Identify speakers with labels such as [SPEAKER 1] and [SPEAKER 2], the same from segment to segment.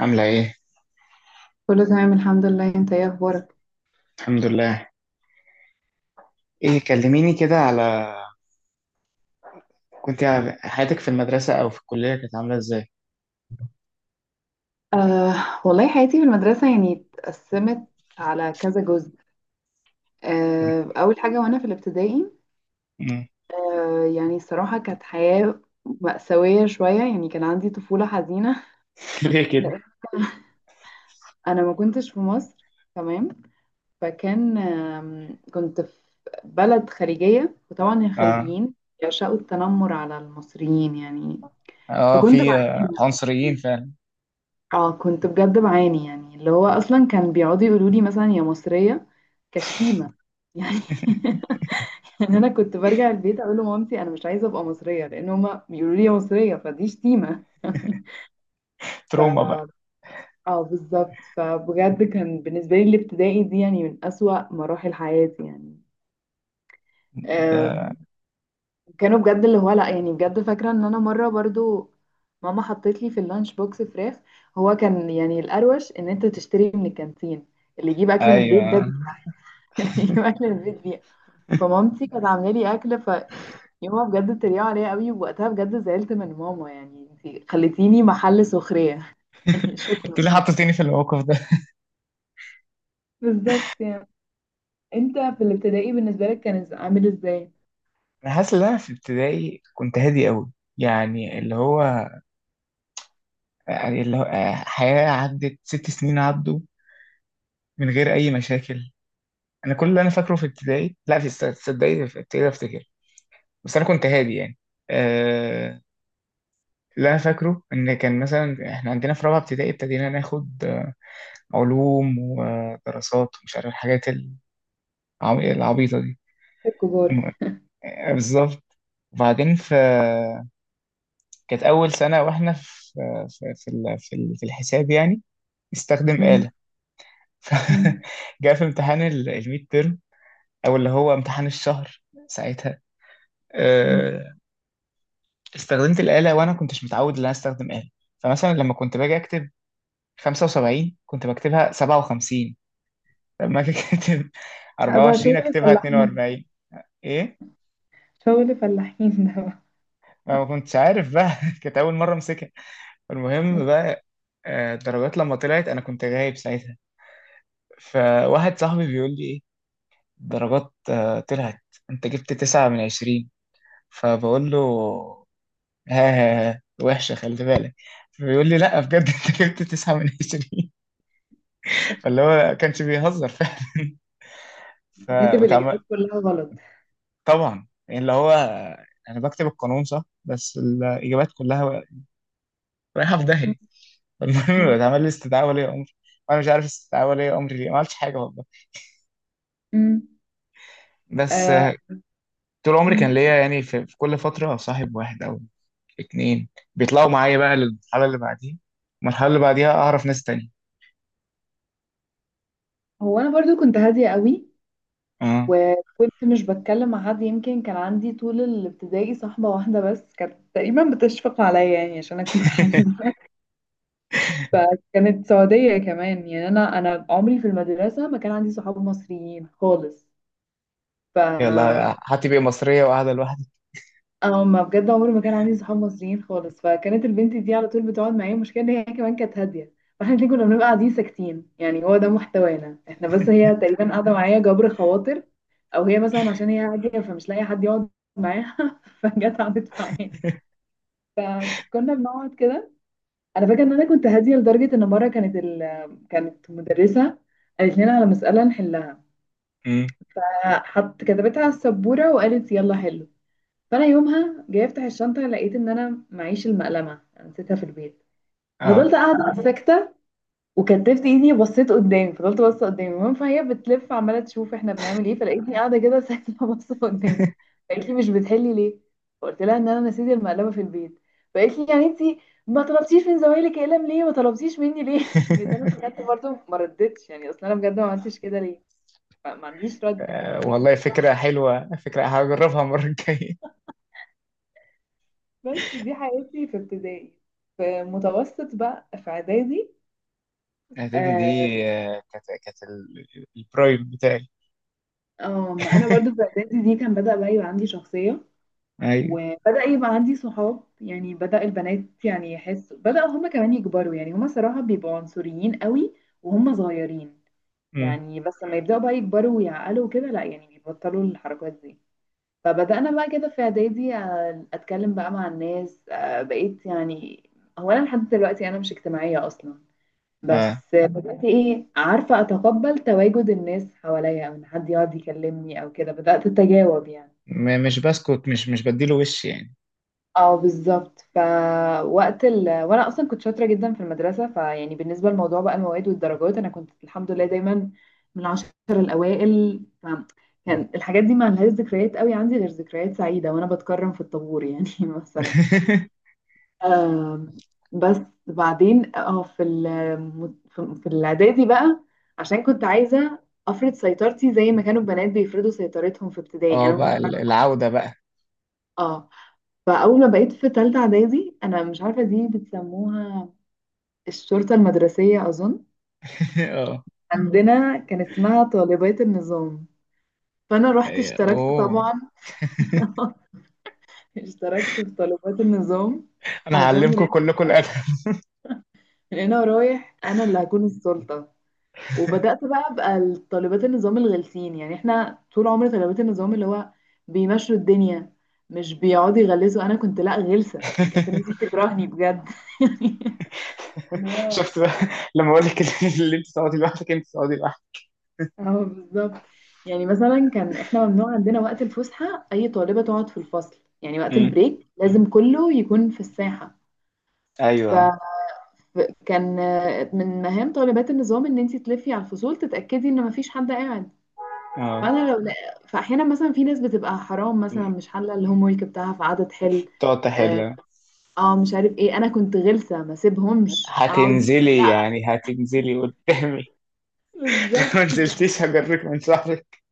[SPEAKER 1] عاملة ايه؟
[SPEAKER 2] كله تمام، الحمد لله. انت ايه اخبارك؟
[SPEAKER 1] الحمد لله. ايه كلميني كده على كنت حياتك في المدرسة او في الكلية كانت عاملة ازاي؟
[SPEAKER 2] آه والله، حياتي في المدرسه يعني اتقسمت على كذا جزء. اول حاجه وانا في الابتدائي.
[SPEAKER 1] مم.
[SPEAKER 2] يعني الصراحه كانت حياه مأساويه شويه، يعني كان عندي طفوله حزينه.
[SPEAKER 1] ليه كده؟
[SPEAKER 2] لأن انا ما كنتش في مصر، تمام. فكان كنت في بلد خليجيه، وطبعا
[SPEAKER 1] اه.
[SPEAKER 2] الخليجيين يعشقوا التنمر على المصريين يعني.
[SPEAKER 1] اه
[SPEAKER 2] فكنت
[SPEAKER 1] في
[SPEAKER 2] بعاني
[SPEAKER 1] عنصريين
[SPEAKER 2] يعني.
[SPEAKER 1] فعلا.
[SPEAKER 2] اه كنت بجد بعاني، يعني اللي هو اصلا كان بيقعدوا يقولوا لي مثلا يا مصريه، كشتيمه يعني. يعني انا كنت برجع البيت اقول لمامتي انا مش عايزه ابقى مصريه لان هما بيقولوا لي يا مصريه فدي شتيمه.
[SPEAKER 1] تروما بقى.
[SPEAKER 2] ف اه، بالظبط، فبجد كان بالنسبه لي الابتدائي دي يعني من اسوأ مراحل حياتي يعني. آه،
[SPEAKER 1] ده.
[SPEAKER 2] كانوا بجد اللي هو لا، يعني بجد فاكرة ان انا مرة برضو ماما حطيت لي في اللانش بوكس فراخ. هو كان يعني الأروش ان انت تشتري من الكانتين، اللي يجيب اكل من البيت ده
[SPEAKER 1] ايوه.
[SPEAKER 2] بيه، اللي يجيب اكل من البيت بيه. فمامتي كانت عاملة لي اكل، فيومها بجد اتريقوا عليا قوي، ووقتها بجد زعلت من ماما، يعني انت خليتيني محل سخرية. يعني
[SPEAKER 1] انت
[SPEAKER 2] شكرا.
[SPEAKER 1] اللي حطيتيني في الموقف ده.
[SPEAKER 2] بالظبط يعني. انت في الابتدائي بالنسبة لك كان عامل ازاي؟
[SPEAKER 1] انا حاسس ان انا في ابتدائي كنت هادي قوي، يعني اللي هو، يعني اللي هو حياة عدت 6 سنين عدوا من غير اي مشاكل. انا كل اللي انا فاكره في ابتدائي، لا، في تصدقي في ابتدائي افتكر، بس انا كنت هادي يعني. آه، اللي انا فاكره ان كان مثلا احنا عندنا في رابعه ابتدائي ابتدينا ناخد علوم ودراسات ومش عارف الحاجات العبيطه دي.
[SPEAKER 2] الكبار.
[SPEAKER 1] م- بالظبط. وبعدين في، كانت اول سنه واحنا في الحساب يعني، استخدم
[SPEAKER 2] امم.
[SPEAKER 1] آلة. ف-
[SPEAKER 2] امم.
[SPEAKER 1] جاء في امتحان الميد تيرم او اللي هو امتحان الشهر ساعتها.
[SPEAKER 2] امم.
[SPEAKER 1] آه، استخدمت الآلة وانا كنتش متعود ان انا استخدم آلة، فمثلا لما كنت باجي اكتب 75 كنت بكتبها 57، لما أجي كاتب
[SPEAKER 2] ابقى
[SPEAKER 1] 24
[SPEAKER 2] شغل
[SPEAKER 1] اكتبها
[SPEAKER 2] فلاحين.
[SPEAKER 1] 42. ايه،
[SPEAKER 2] شغل فلاحين ده.
[SPEAKER 1] ما كنتش عارف بقى. كانت اول مره امسكها. المهم
[SPEAKER 2] مم.
[SPEAKER 1] بقى، الدرجات لما طلعت انا كنت غايب ساعتها، فواحد صاحبي بيقول لي ايه الدرجات طلعت، انت جبت 9 من 20. فبقول له ها ها ها، وحشة، خلي بالك. فبيقول لي لا بجد انت جبت 9 من 20. فاللي هو كانش بيهزر فعلا. ف
[SPEAKER 2] انت كاتب
[SPEAKER 1] وتعم-
[SPEAKER 2] الإجابات كلها غلط.
[SPEAKER 1] طبعا يعني اللي هو انا بكتب القانون صح بس الاجابات كلها رايحه في
[SPEAKER 2] مم.
[SPEAKER 1] داهيه. المهم
[SPEAKER 2] مم.
[SPEAKER 1] اتعمل لي استدعاء ولي امر، وانا مش عارف استدعاء ولي امر ليه، ما عملتش حاجه والله.
[SPEAKER 2] مم.
[SPEAKER 1] بس
[SPEAKER 2] آه.
[SPEAKER 1] طول عمري كان
[SPEAKER 2] مم.
[SPEAKER 1] ليا يعني في كل فتره صاحب واحد او اتنين بيطلعوا معايا بقى للمرحله اللي بعديها، المرحله اللي بعديها اعرف ناس تانية.
[SPEAKER 2] هو أنا برضو كنت هادية قوي،
[SPEAKER 1] اه.
[SPEAKER 2] وكنت مش بتكلم مع حد، يمكن كان عندي طول الابتدائي صاحبة واحدة بس، كانت تقريبا بتشفق عليا يعني عشان أنا كنت حنينة. فكانت سعودية كمان، يعني أنا عمري في المدرسة ما كان عندي صحاب مصريين خالص. ف
[SPEAKER 1] يلا حتى بقى مصريه وقاعده لوحدي.
[SPEAKER 2] اه، ما بجد عمري ما كان عندي صحاب مصريين خالص، فكانت البنت دي على طول بتقعد معايا، المشكله ان هي كمان كانت هاديه. فاحنا الاتنين كنا بنبقى قاعدين ساكتين، يعني هو ده محتوانا احنا، بس هي تقريبا قاعده معايا جبر خواطر، او هي مثلا عشان هي هاديه فمش لاقيه حد يقعد معاها، فجت قعدت معايا. كنا بنقعد كده. انا فاكره ان انا كنت هاديه لدرجه ان مره كانت مدرسه قالت لنا على مساله نحلها،
[SPEAKER 1] أمم.
[SPEAKER 2] فحط كتبتها على السبوره وقالت يلا حلو. فانا يومها جايه افتح الشنطه لقيت ان انا معيش المقلمه، أنا نسيتها في البيت.
[SPEAKER 1] اه.
[SPEAKER 2] فضلت قاعده ساكته، وكتفت ايدي وبصيت قدامي، فضلت باصه قدامي. المهم فهي بتلف عماله تشوف احنا بنعمل ايه، فلقيتني قاعده كده ساكته باصه قدامي. فقالت لي مش بتحلي ليه؟ فقلت لها ان انا نسيت المقلمه في البيت. فقالت لي يعني انت ما طلبتيش من زمايلك اقلم ليه، ما طلبتيش مني ليه؟ جيت انا فكرت برضه ما ردتش، يعني اصل انا بجد ما عملتش كده ليه، ما عنديش رد يعني انت.
[SPEAKER 1] والله فكره حلوه، فكره هجربها المره الجايه.
[SPEAKER 2] بس دي حياتي في ابتدائي. في متوسط بقى، في اعدادي.
[SPEAKER 1] اعدادي دي؟
[SPEAKER 2] اه.
[SPEAKER 1] كانت البرايم بتاعي.
[SPEAKER 2] ما انا برضو في اعدادي دي كان بدأ بقى يبقى عندي شخصية،
[SPEAKER 1] ايوه.
[SPEAKER 2] وبدأ يبقى عندي صحاب، يعني بدأ البنات يعني يحس بدأ هما كمان يكبروا، يعني هما صراحة بيبقوا عنصريين قوي وهما صغيرين.
[SPEAKER 1] أمم.
[SPEAKER 2] يعني بس لما يبدأوا بقى يكبروا ويعقلوا كده لا، يعني بيبطلوا الحركات دي. فبدأنا بقى كده في اعدادي، اتكلم بقى مع الناس، بقيت يعني. هو انا لحد دلوقتي انا مش اجتماعية اصلا،
[SPEAKER 1] آه.
[SPEAKER 2] بس بدأت، ايه عارفة، اتقبل تواجد الناس حواليا او ان حد يقعد يكلمني او كده، بدأت اتجاوب يعني.
[SPEAKER 1] مش بسكت، مش بديله وش يعني.
[SPEAKER 2] اه، بالظبط، فوقت وانا اصلا كنت شاطرة جدا في المدرسة، فيعني بالنسبة لموضوع بقى المواد والدرجات، انا كنت الحمد لله دايما من العشر الاوائل، فكان الحاجات دي ما لهاش ذكريات قوي عندي غير ذكريات سعيدة وانا بتكرم في الطابور يعني مثلا. آم، بس. بعدين في ال- في في الاعدادي بقى، عشان كنت عايزه افرض سيطرتي زي ما كانوا البنات بيفرضوا سيطرتهم في ابتدائي،
[SPEAKER 1] اه
[SPEAKER 2] انا ما
[SPEAKER 1] بقى
[SPEAKER 2] كنتش عارفه.
[SPEAKER 1] العودة بقى.
[SPEAKER 2] اه. فاول ما بقيت في تالتة اعدادي، انا مش عارفه دي بتسموها الشرطه المدرسيه اظن،
[SPEAKER 1] اه.
[SPEAKER 2] عندنا كان اسمها طالبات النظام، فانا رحت اشتركت
[SPEAKER 1] اوه،
[SPEAKER 2] طبعا. اشتركت في طالبات النظام
[SPEAKER 1] انا
[SPEAKER 2] عشان من
[SPEAKER 1] هعلمكم
[SPEAKER 2] هنا،
[SPEAKER 1] كلكم الادب.
[SPEAKER 2] من هنا ورايح، انا اللي هكون السلطه. وبدأت بقى أبقى طالبات النظام الغلسين، يعني احنا طول عمري طالبات النظام اللي هو بيمشوا الدنيا، مش بيقعدوا يغلسوا، انا كنت لا، غلسة يعني، كانت الناس بتكرهني بجد. يعني واو.
[SPEAKER 1] شفت بقى، لما اقول لك اللي انت تقعدي لوحدك انت تقعدي لوحدك.
[SPEAKER 2] اه، بالظبط. يعني مثلا كان احنا ممنوع عندنا وقت الفسحة اي طالبة تقعد في الفصل، يعني وقت
[SPEAKER 1] أمم.
[SPEAKER 2] البريك لازم كله يكون في الساحة. ف
[SPEAKER 1] ايوه.
[SPEAKER 2] ف- كان من مهام طالبات النظام ان انت تلفي على الفصول تتأكدي ان مفيش حد قاعد.
[SPEAKER 1] اه.
[SPEAKER 2] فانا لو لا- فاحيانا مثلا في ناس بتبقى حرام، مثلا مش حله الهوم ورك بتاعها فقعدت تحل.
[SPEAKER 1] تقعد
[SPEAKER 2] اه.
[SPEAKER 1] تحل.
[SPEAKER 2] مش عارف ايه، انا كنت غلسه ما سيبهمش اقعد.
[SPEAKER 1] هتنزلي يعني هتنزلي قدامي.
[SPEAKER 2] بالظبط.
[SPEAKER 1] ما نزلتيش هجرك من شعرك.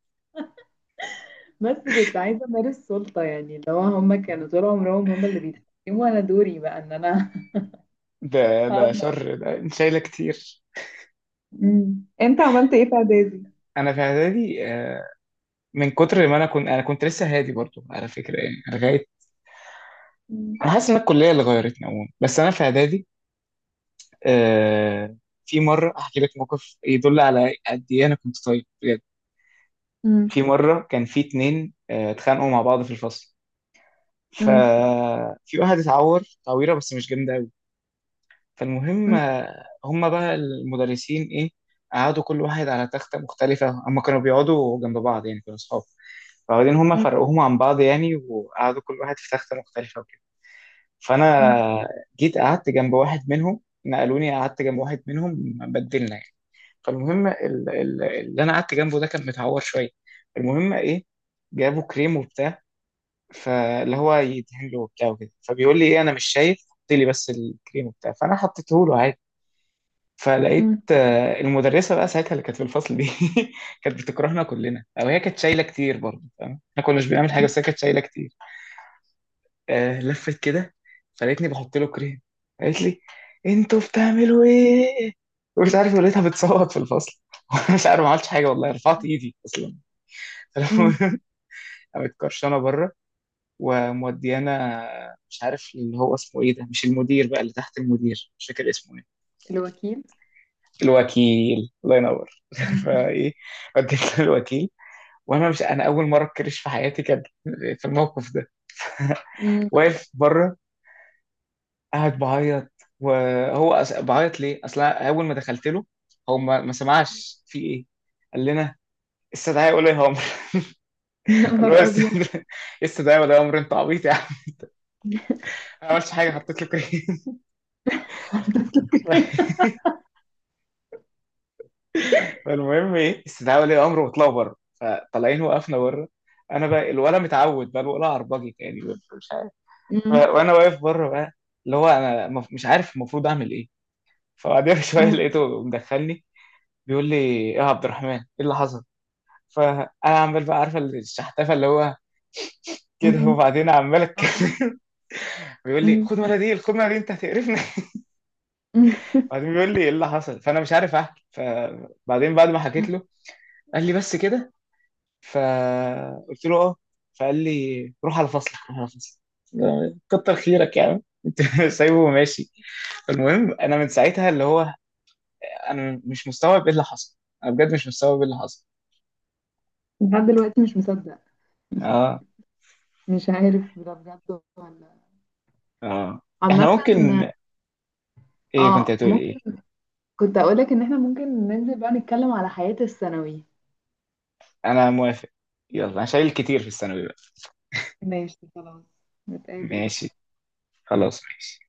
[SPEAKER 2] بس كنت عايزه امارس سلطه، يعني اللي هو هم كانوا طول عمرهم هم اللي بيتحكموا، انا دوري بقى ان انا.
[SPEAKER 1] ده ده
[SPEAKER 2] أقعد.
[SPEAKER 1] شر، ده انت شايله كتير.
[SPEAKER 2] أمم. انت عملت ايه في اعدادي؟
[SPEAKER 1] انا في اعدادي من كتر ما انا كنت لسه هادي برضو على فكره يعني لغايه.
[SPEAKER 2] أمم.
[SPEAKER 1] انا حاسس ان الكليه اللي غيرتني عموما، بس انا في اعدادي. آه في مره احكي لك موقف يدل على قد ايه انا كنت طيب بجد. في مره كان في اتنين اتخانقوا مع بعض في الفصل،
[SPEAKER 2] أمم.
[SPEAKER 1] ففي واحد اتعور تعويره بس مش جامده قوي. فالمهم
[SPEAKER 2] أمم.
[SPEAKER 1] هما بقى المدرسين ايه، قعدوا كل واحد على تخته مختلفه، هما كانوا بيقعدوا جنب بعض يعني كانوا اصحاب، فبعدين هما
[SPEAKER 2] أمم.
[SPEAKER 1] فرقوهم عن بعض يعني وقعدوا كل واحد في تخته مختلفه.
[SPEAKER 2] أمم.
[SPEAKER 1] فانا جيت قعدت جنب واحد منهم، نقلوني قعدت جنب واحد منهم بدلنا يعني. فالمهم اللي انا قعدت جنبه ده كان متعور شويه. المهم ايه، جابوا كريم وبتاع، فاللي هو يدهن له وبتاع وكده، فبيقول لي ايه انا مش شايف، حط لي بس الكريم وبتاع، فانا حطيته له عادي. فلقيت
[SPEAKER 2] أمم.
[SPEAKER 1] المدرسه بقى ساعتها اللي كانت في الفصل دي كانت بتكرهنا كلنا او هي كانت شايله كتير برضه، فاهم، احنا كنا مش بنعمل حاجه
[SPEAKER 2] أمم.
[SPEAKER 1] بس هي كانت شايله كتير. لفت كده، فلقيتني بحط له كريم. قالت لي انتوا بتعملوا ايه؟ ومش عارف لقيتها بتصوت في الفصل وانا مش عارف، ما عملتش حاجه والله، رفعت ايدي اصلا.
[SPEAKER 2] أمم.
[SPEAKER 1] فالمهم، قامت كرشانه بره وموديانا، مش عارف اللي هو اسمه ايه، ده مش المدير بقى، اللي تحت المدير، مش فاكر اسمه ايه.
[SPEAKER 2] الوكيل.
[SPEAKER 1] الوكيل، الله ينور.
[SPEAKER 2] أمم.
[SPEAKER 1] فايه، وديت للوكيل، وانا مش، انا اول مره اتكرش في حياتي كان في الموقف ده،
[SPEAKER 2] أمم.
[SPEAKER 1] واقف بره، قاعد بعيط. وهو بعيط ليه؟ اصل أنا اول ما دخلت له، هو ما سمعش في ايه؟ قال لنا استدعاء ولي امر.
[SPEAKER 2] يا
[SPEAKER 1] قال له
[SPEAKER 2] نهار
[SPEAKER 1] "است-
[SPEAKER 2] ابيض.
[SPEAKER 1] استدعاء استدعاء ولي امر، انت عبيط يا عم، أنا ما عملتش حاجه، حطيت له كريم. فالمهم ايه استدعاء ولي امر، وطلعوا بره، فطالعين وقفنا بره. انا بقى الولا متعود بقى الولا عربجي يعني، مش عارف.
[SPEAKER 2] أمم.
[SPEAKER 1] وانا واقف بره بقى، اللي هو انا مش عارف المفروض اعمل ايه. فبعدين بشويه
[SPEAKER 2] أمم.
[SPEAKER 1] لقيته مدخلني، بيقول لي ايه يا عبد الرحمن، ايه اللي حصل؟ فانا عمال بقى عارفه الشحتفه اللي هو كده،
[SPEAKER 2] أمم.
[SPEAKER 1] وبعدين عمال
[SPEAKER 2] اه.
[SPEAKER 1] اتكلم. بيقول لي
[SPEAKER 2] أمم.
[SPEAKER 1] خد مناديل، خد مناديل، انت هتقرفني.
[SPEAKER 2] أمم.
[SPEAKER 1] بعدين بيقول لي ايه اللي حصل، فانا مش عارف احكي، فبعدين بعد ما حكيت
[SPEAKER 2] أمم.
[SPEAKER 1] له قال لي بس كده؟ فقلت له اه. فقال لي روح على فصلك، روح على فصلك. كتر خيرك يا عم. انت سايبه وماشي. المهم انا من ساعتها اللي هو انا مش مستوعب ايه اللي حصل، انا بجد مش مستوعب ايه اللي حصل.
[SPEAKER 2] لحد دلوقتي مش مصدق.
[SPEAKER 1] اه.
[SPEAKER 2] مش عارف ده بجد ولا.
[SPEAKER 1] اه. احنا
[SPEAKER 2] عامة.
[SPEAKER 1] ممكن، ايه كنت
[SPEAKER 2] اه،
[SPEAKER 1] هتقول
[SPEAKER 2] ممكن.
[SPEAKER 1] ايه؟
[SPEAKER 2] كنت اقولك ان احنا ممكن ننزل بقى نتكلم على حياة الثانوي.
[SPEAKER 1] انا موافق، يلا انا شايل كتير في الثانوي بقى.
[SPEAKER 2] ماشي، خلاص. نتقابل بقى.
[SPEAKER 1] ماشي، خلاص ماشي.